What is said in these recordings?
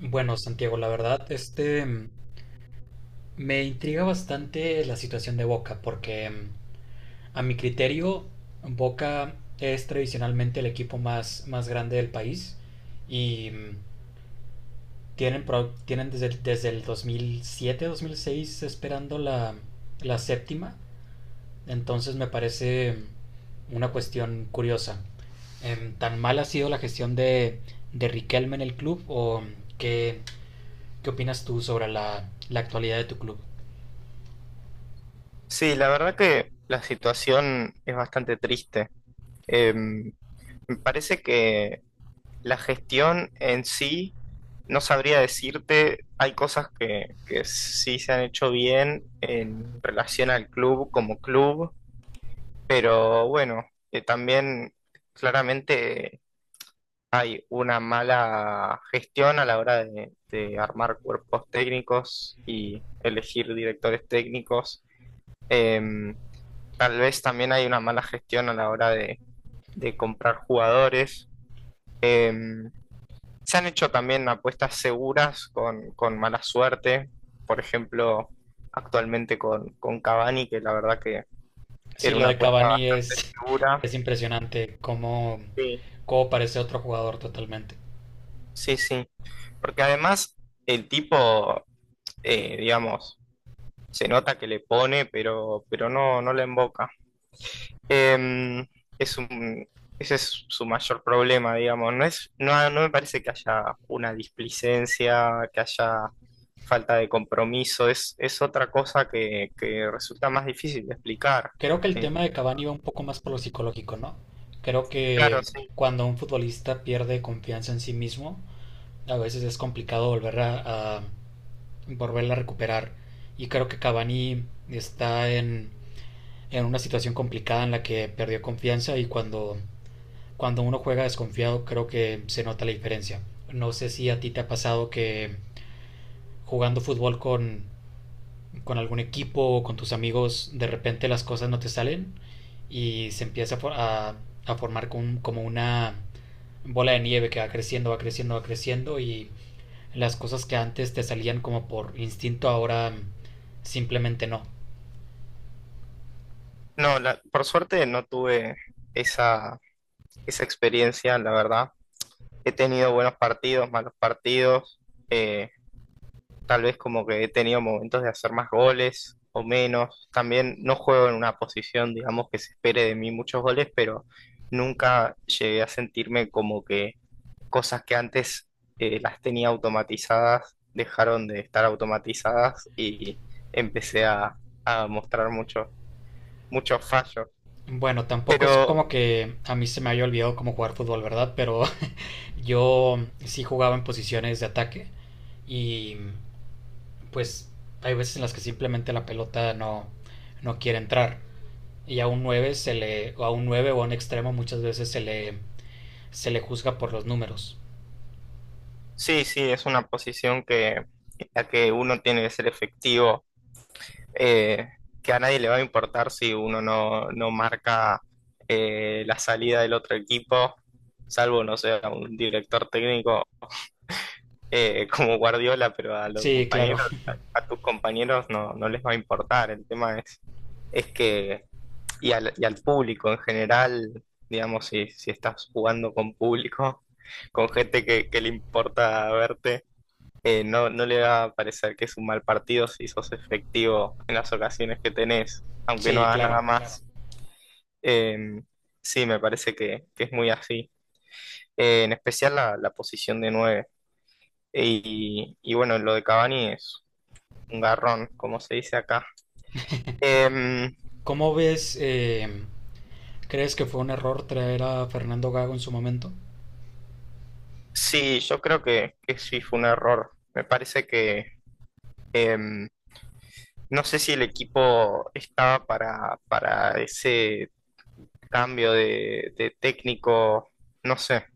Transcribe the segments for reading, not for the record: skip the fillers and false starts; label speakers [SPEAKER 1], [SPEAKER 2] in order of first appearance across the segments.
[SPEAKER 1] Bueno, Santiago, la verdad, me intriga bastante la situación de Boca, porque a mi criterio, Boca es tradicionalmente el equipo más grande del país y tienen desde, desde el 2007, 2006 esperando la séptima, entonces me parece una cuestión curiosa. ¿Tan mal ha sido la gestión de Riquelme en el club o qué, ¿Qué opinas tú sobre la actualidad de tu club?
[SPEAKER 2] Sí, la verdad que la situación es bastante triste. Em, Me parece que la gestión en sí, no sabría decirte, hay cosas que sí se han hecho bien en relación al club como club, pero bueno, también claramente hay una mala gestión a la hora de armar cuerpos técnicos y elegir directores técnicos. Em, Tal vez también hay una mala gestión a la hora de comprar jugadores. Em, Se han hecho también apuestas seguras con mala suerte. Por ejemplo, actualmente con Cavani, que la verdad que
[SPEAKER 1] Sí,
[SPEAKER 2] era
[SPEAKER 1] lo
[SPEAKER 2] una
[SPEAKER 1] de
[SPEAKER 2] apuesta bastante segura.
[SPEAKER 1] Es impresionante,
[SPEAKER 2] Sí.
[SPEAKER 1] cómo parece otro jugador totalmente.
[SPEAKER 2] Sí, sí. Porque además el tipo, digamos, se nota que le pone, pero no le emboca. Em, es un, Ese es su mayor problema, digamos. No me parece que haya una displicencia, que haya falta de compromiso. Es otra cosa que resulta más difícil de explicar.
[SPEAKER 1] Creo que el
[SPEAKER 2] Eh,
[SPEAKER 1] tema de Cavani va un poco más por lo psicológico, ¿no? Creo
[SPEAKER 2] claro,
[SPEAKER 1] que
[SPEAKER 2] sí.
[SPEAKER 1] cuando un futbolista pierde confianza en sí mismo, a veces es complicado volverla a recuperar. Y creo que Cavani en una situación complicada en la que perdió confianza y cuando uno juega desconfiado creo que se nota la diferencia. No sé si a ti te ha pasado que jugando fútbol con algún equipo o con tus amigos de repente las cosas no te salen y se empieza a, for- a- a formar como una bola de nieve que va creciendo, va creciendo, va creciendo y las cosas que antes te salían como por instinto ahora simplemente no.
[SPEAKER 2] No, por suerte no tuve esa, esa experiencia, la verdad. He tenido buenos partidos, malos partidos. eh, tal vez como que he tenido momentos de hacer más goles o menos. También no juego en una posición, digamos, que se espere de mí muchos goles, pero nunca llegué a sentirme como que cosas que antes las tenía automatizadas dejaron de estar automatizadas y empecé a mostrar muchos fallos.
[SPEAKER 1] Bueno, tampoco es
[SPEAKER 2] Pero
[SPEAKER 1] como que a mí se me haya olvidado cómo jugar fútbol, ¿verdad? Pero yo sí jugaba en posiciones de ataque y pues hay veces en las que simplemente la pelota no, no quiere entrar. Y a un o a un 9 o a un extremo muchas veces se le juzga por los números.
[SPEAKER 2] sí, sí, es una posición en la que uno tiene que ser efectivo, eh, que a nadie le va a importar si uno no marca la salida del otro equipo, salvo, no sé, a un director técnico, como Guardiola, pero a los
[SPEAKER 1] Sí, claro,
[SPEAKER 2] compañeros, a tus compañeros no les va a importar. El tema es que, y al público en general, digamos, si estás jugando con público, con gente que le importa verte, no le va a parecer que es un mal partido si sos efectivo en las ocasiones que tenés, aunque no
[SPEAKER 1] sí,
[SPEAKER 2] hagas nada,
[SPEAKER 1] claro.
[SPEAKER 2] claro, más. Eh, sí, me parece que es muy así. En especial la posición de nueve. Y bueno, lo de Cavani es un garrón, como se dice acá. Eh,
[SPEAKER 1] ¿Cómo ves, crees que fue un error traer a Fernando Gago en su momento?
[SPEAKER 2] sí, yo creo que sí fue un error. Me parece que eh, no sé si el equipo estaba para ese cambio de técnico. No sé.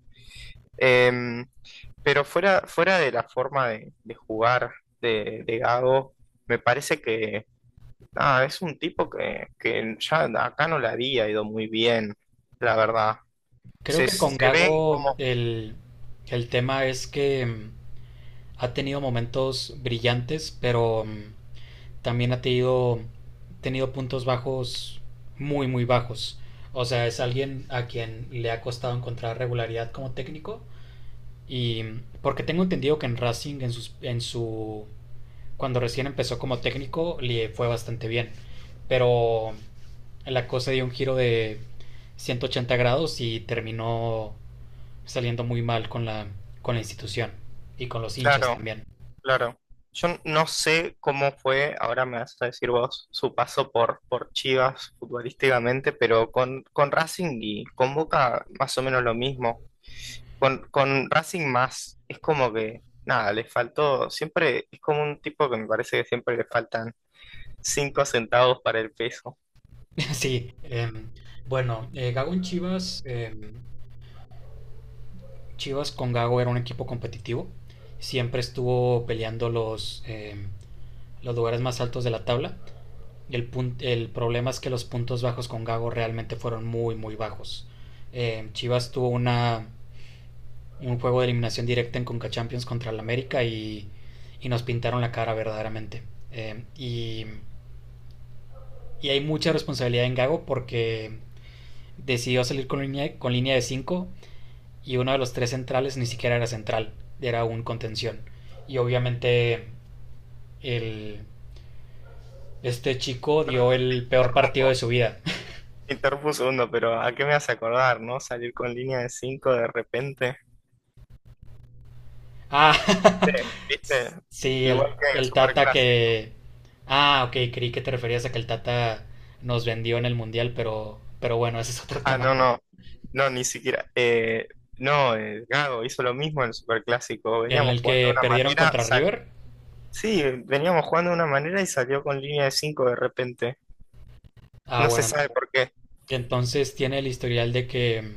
[SPEAKER 2] Em, pero fuera de la forma de jugar de Gago, me parece que nada, es un tipo que ya acá no le había ido muy bien, la verdad.
[SPEAKER 1] Creo
[SPEAKER 2] Se,
[SPEAKER 1] que con
[SPEAKER 2] se ve como...
[SPEAKER 1] El tema es que ha tenido momentos brillantes, pero también ha tenido puntos bajos muy bajos. O sea, es alguien a quien le ha costado encontrar regularidad como técnico. Y porque tengo entendido que en en su... Cuando recién empezó como técnico, le fue bastante bien. Pero la cosa dio un giro de 180 grados y terminó saliendo muy mal con con la institución y con los hinchas
[SPEAKER 2] Claro,
[SPEAKER 1] también.
[SPEAKER 2] claro. Yo no sé cómo fue, ahora me vas a decir vos, su paso por Chivas futbolísticamente, pero con Racing y con Boca más o menos lo mismo. Con Racing más, es como que, nada, le faltó, siempre, es como un tipo que me parece que siempre le faltan cinco centavos para el peso.
[SPEAKER 1] Sí, bueno, Gago en Chivas, Chivas con Gago era un equipo competitivo, siempre estuvo peleando los lugares más altos de la tabla. El problema es que los puntos bajos con Gago realmente fueron muy bajos. Chivas tuvo un juego de eliminación directa en Conca Champions contra el América y nos pintaron la cara verdaderamente. Eh, y, y hay mucha responsabilidad en Gago porque decidió salir con con línea de 5. Y uno de los tres centrales ni siquiera era central, era un contención. Y obviamente el, este chico dio
[SPEAKER 2] Perdón, te
[SPEAKER 1] el peor partido de
[SPEAKER 2] interrumpo,
[SPEAKER 1] su vida.
[SPEAKER 2] te interrumpo un segundo, pero ¿a qué me hace acordar, no? Salir con línea de cinco de repente.
[SPEAKER 1] Ah,
[SPEAKER 2] Sí, ¿viste?
[SPEAKER 1] sí,
[SPEAKER 2] Igual que en el
[SPEAKER 1] el Tata
[SPEAKER 2] Superclásico.
[SPEAKER 1] que... Ah, ok, creí que te referías a que el Tata nos vendió en el Mundial, pero bueno, ese es otro
[SPEAKER 2] Ah,
[SPEAKER 1] tema.
[SPEAKER 2] no, no, no, ni siquiera. No, Gago hizo lo mismo en el Superclásico,
[SPEAKER 1] En
[SPEAKER 2] veníamos
[SPEAKER 1] el
[SPEAKER 2] jugando de
[SPEAKER 1] que
[SPEAKER 2] una
[SPEAKER 1] perdieron
[SPEAKER 2] manera,
[SPEAKER 1] contra River.
[SPEAKER 2] sí, veníamos jugando de una manera y salió con línea de cinco de repente.
[SPEAKER 1] Ah,
[SPEAKER 2] No se
[SPEAKER 1] bueno,
[SPEAKER 2] sabe por qué.
[SPEAKER 1] entonces tiene el historial de que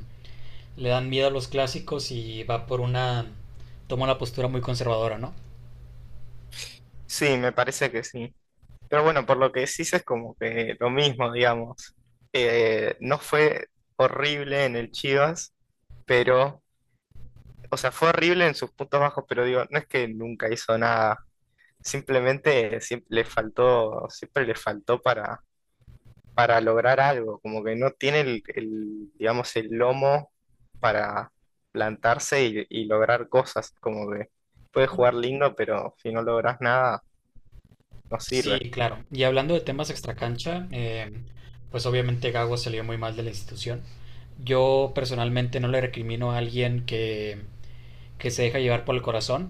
[SPEAKER 1] le dan miedo a los clásicos y va por una... toma una postura muy conservadora, ¿no?
[SPEAKER 2] Sí, me parece que sí. Pero bueno, por lo que decís es como que lo mismo, digamos. No fue horrible en el Chivas, pero, o sea, fue horrible en sus puntos bajos, pero digo, no es que nunca hizo nada. Simplemente siempre le faltó para lograr algo. Como que no tiene digamos, el lomo para plantarse y lograr cosas. Como que puedes jugar lindo, pero si no logras nada, no
[SPEAKER 1] Sí,
[SPEAKER 2] sirve.
[SPEAKER 1] claro. Y hablando de temas extracancha, pues obviamente Gago salió muy mal de la institución. Yo personalmente no le recrimino a alguien que se deja llevar por el corazón.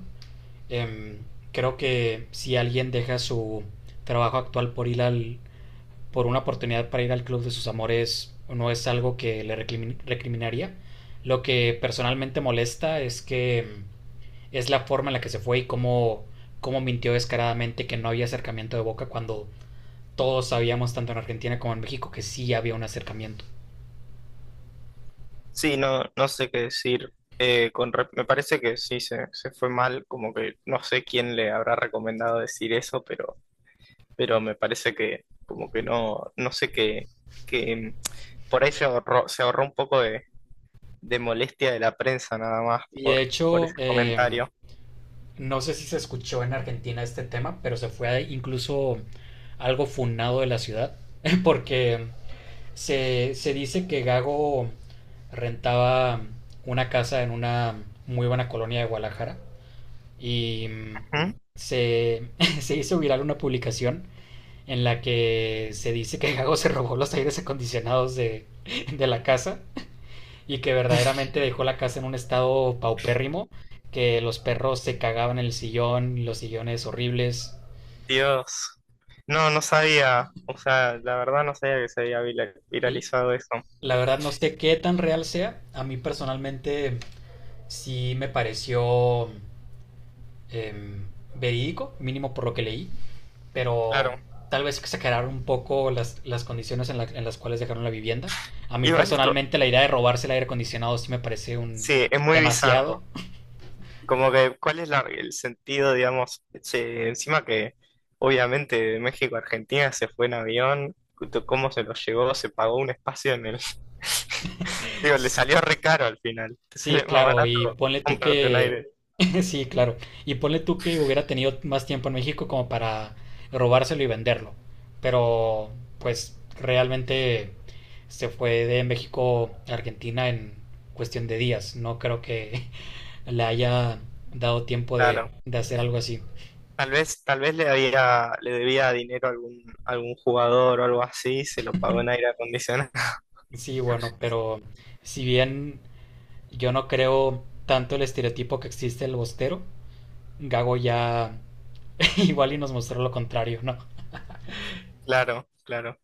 [SPEAKER 1] Em, creo que si alguien deja su trabajo actual por ir por una oportunidad para ir al club de sus amores, no es algo que le recriminaría. Lo que personalmente molesta es que es la forma en la que se fue y cómo mintió descaradamente que no había acercamiento de Boca cuando todos sabíamos, tanto en Argentina como en México, que sí había un acercamiento.
[SPEAKER 2] Sí, no, sé qué decir. Me parece que sí, se fue mal, como que no sé quién le habrá recomendado decir eso, pero me parece que como que no, sé qué, que por ahí se ahorró un poco de molestia de la prensa nada más
[SPEAKER 1] Y de
[SPEAKER 2] por
[SPEAKER 1] hecho,
[SPEAKER 2] ese comentario.
[SPEAKER 1] no sé si se escuchó en Argentina este tema, pero se fue incluso algo funado de la ciudad, porque se dice que Gago rentaba una casa en una muy buena colonia de Guadalajara y
[SPEAKER 2] ¿Mm?
[SPEAKER 1] se, se hizo viral una publicación en la que se dice que Gago se robó los aires acondicionados de la casa y que verdaderamente dejó la casa en un estado paupérrimo, que los perros se cagaban en el sillón, los sillones horribles.
[SPEAKER 2] Dios, no sabía, o sea, la verdad no sabía que se había
[SPEAKER 1] Y
[SPEAKER 2] viralizado eso.
[SPEAKER 1] la verdad no sé qué tan real sea. A mí personalmente sí me pareció em, verídico, mínimo por lo que leí, pero
[SPEAKER 2] Claro,
[SPEAKER 1] tal vez exageraron un poco las condiciones en las cuales dejaron la vivienda. A mí
[SPEAKER 2] igual,
[SPEAKER 1] personalmente la idea de robarse el aire acondicionado sí me parece un
[SPEAKER 2] sí, es muy
[SPEAKER 1] demasiado.
[SPEAKER 2] bizarro. Como que, ¿cuál es el sentido, digamos? Che, encima que, obviamente, de México a Argentina se fue en avión, ¿cómo se lo llevó? Se pagó un espacio en el. Digo, le salió re caro al final. Te
[SPEAKER 1] Sí,
[SPEAKER 2] sale más
[SPEAKER 1] claro, y
[SPEAKER 2] barato
[SPEAKER 1] ponle tú
[SPEAKER 2] comprarte un
[SPEAKER 1] que...
[SPEAKER 2] aire.
[SPEAKER 1] Sí, claro. Y ponle tú que hubiera tenido más tiempo en México como para robárselo y venderlo. Pero, pues, realmente se fue de México a Argentina en cuestión de días. No creo que le haya dado tiempo
[SPEAKER 2] Claro.
[SPEAKER 1] de hacer algo así.
[SPEAKER 2] Tal vez le debía dinero a algún jugador o algo así, se lo pagó en aire acondicionado.
[SPEAKER 1] Sí, bueno, pero si bien yo no creo tanto el estereotipo que existe el bostero, Gago ya igual y nos mostró lo contrario, ¿no?
[SPEAKER 2] Claro, claro.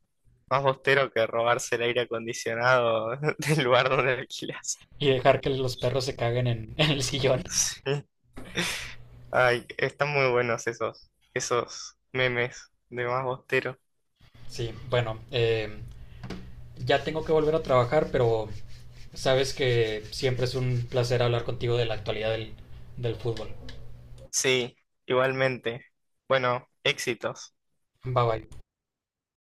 [SPEAKER 2] Más bostero que robarse el aire acondicionado del lugar donde alquilas.
[SPEAKER 1] Y dejar que los perros se caguen en el sillón.
[SPEAKER 2] Sí. Ay, están muy buenos esos memes de más bostero.
[SPEAKER 1] Sí, bueno, ya tengo que volver a trabajar, pero sabes que siempre es un placer hablar contigo de la actualidad del fútbol.
[SPEAKER 2] Sí, igualmente. Bueno, éxitos.
[SPEAKER 1] Bye bye.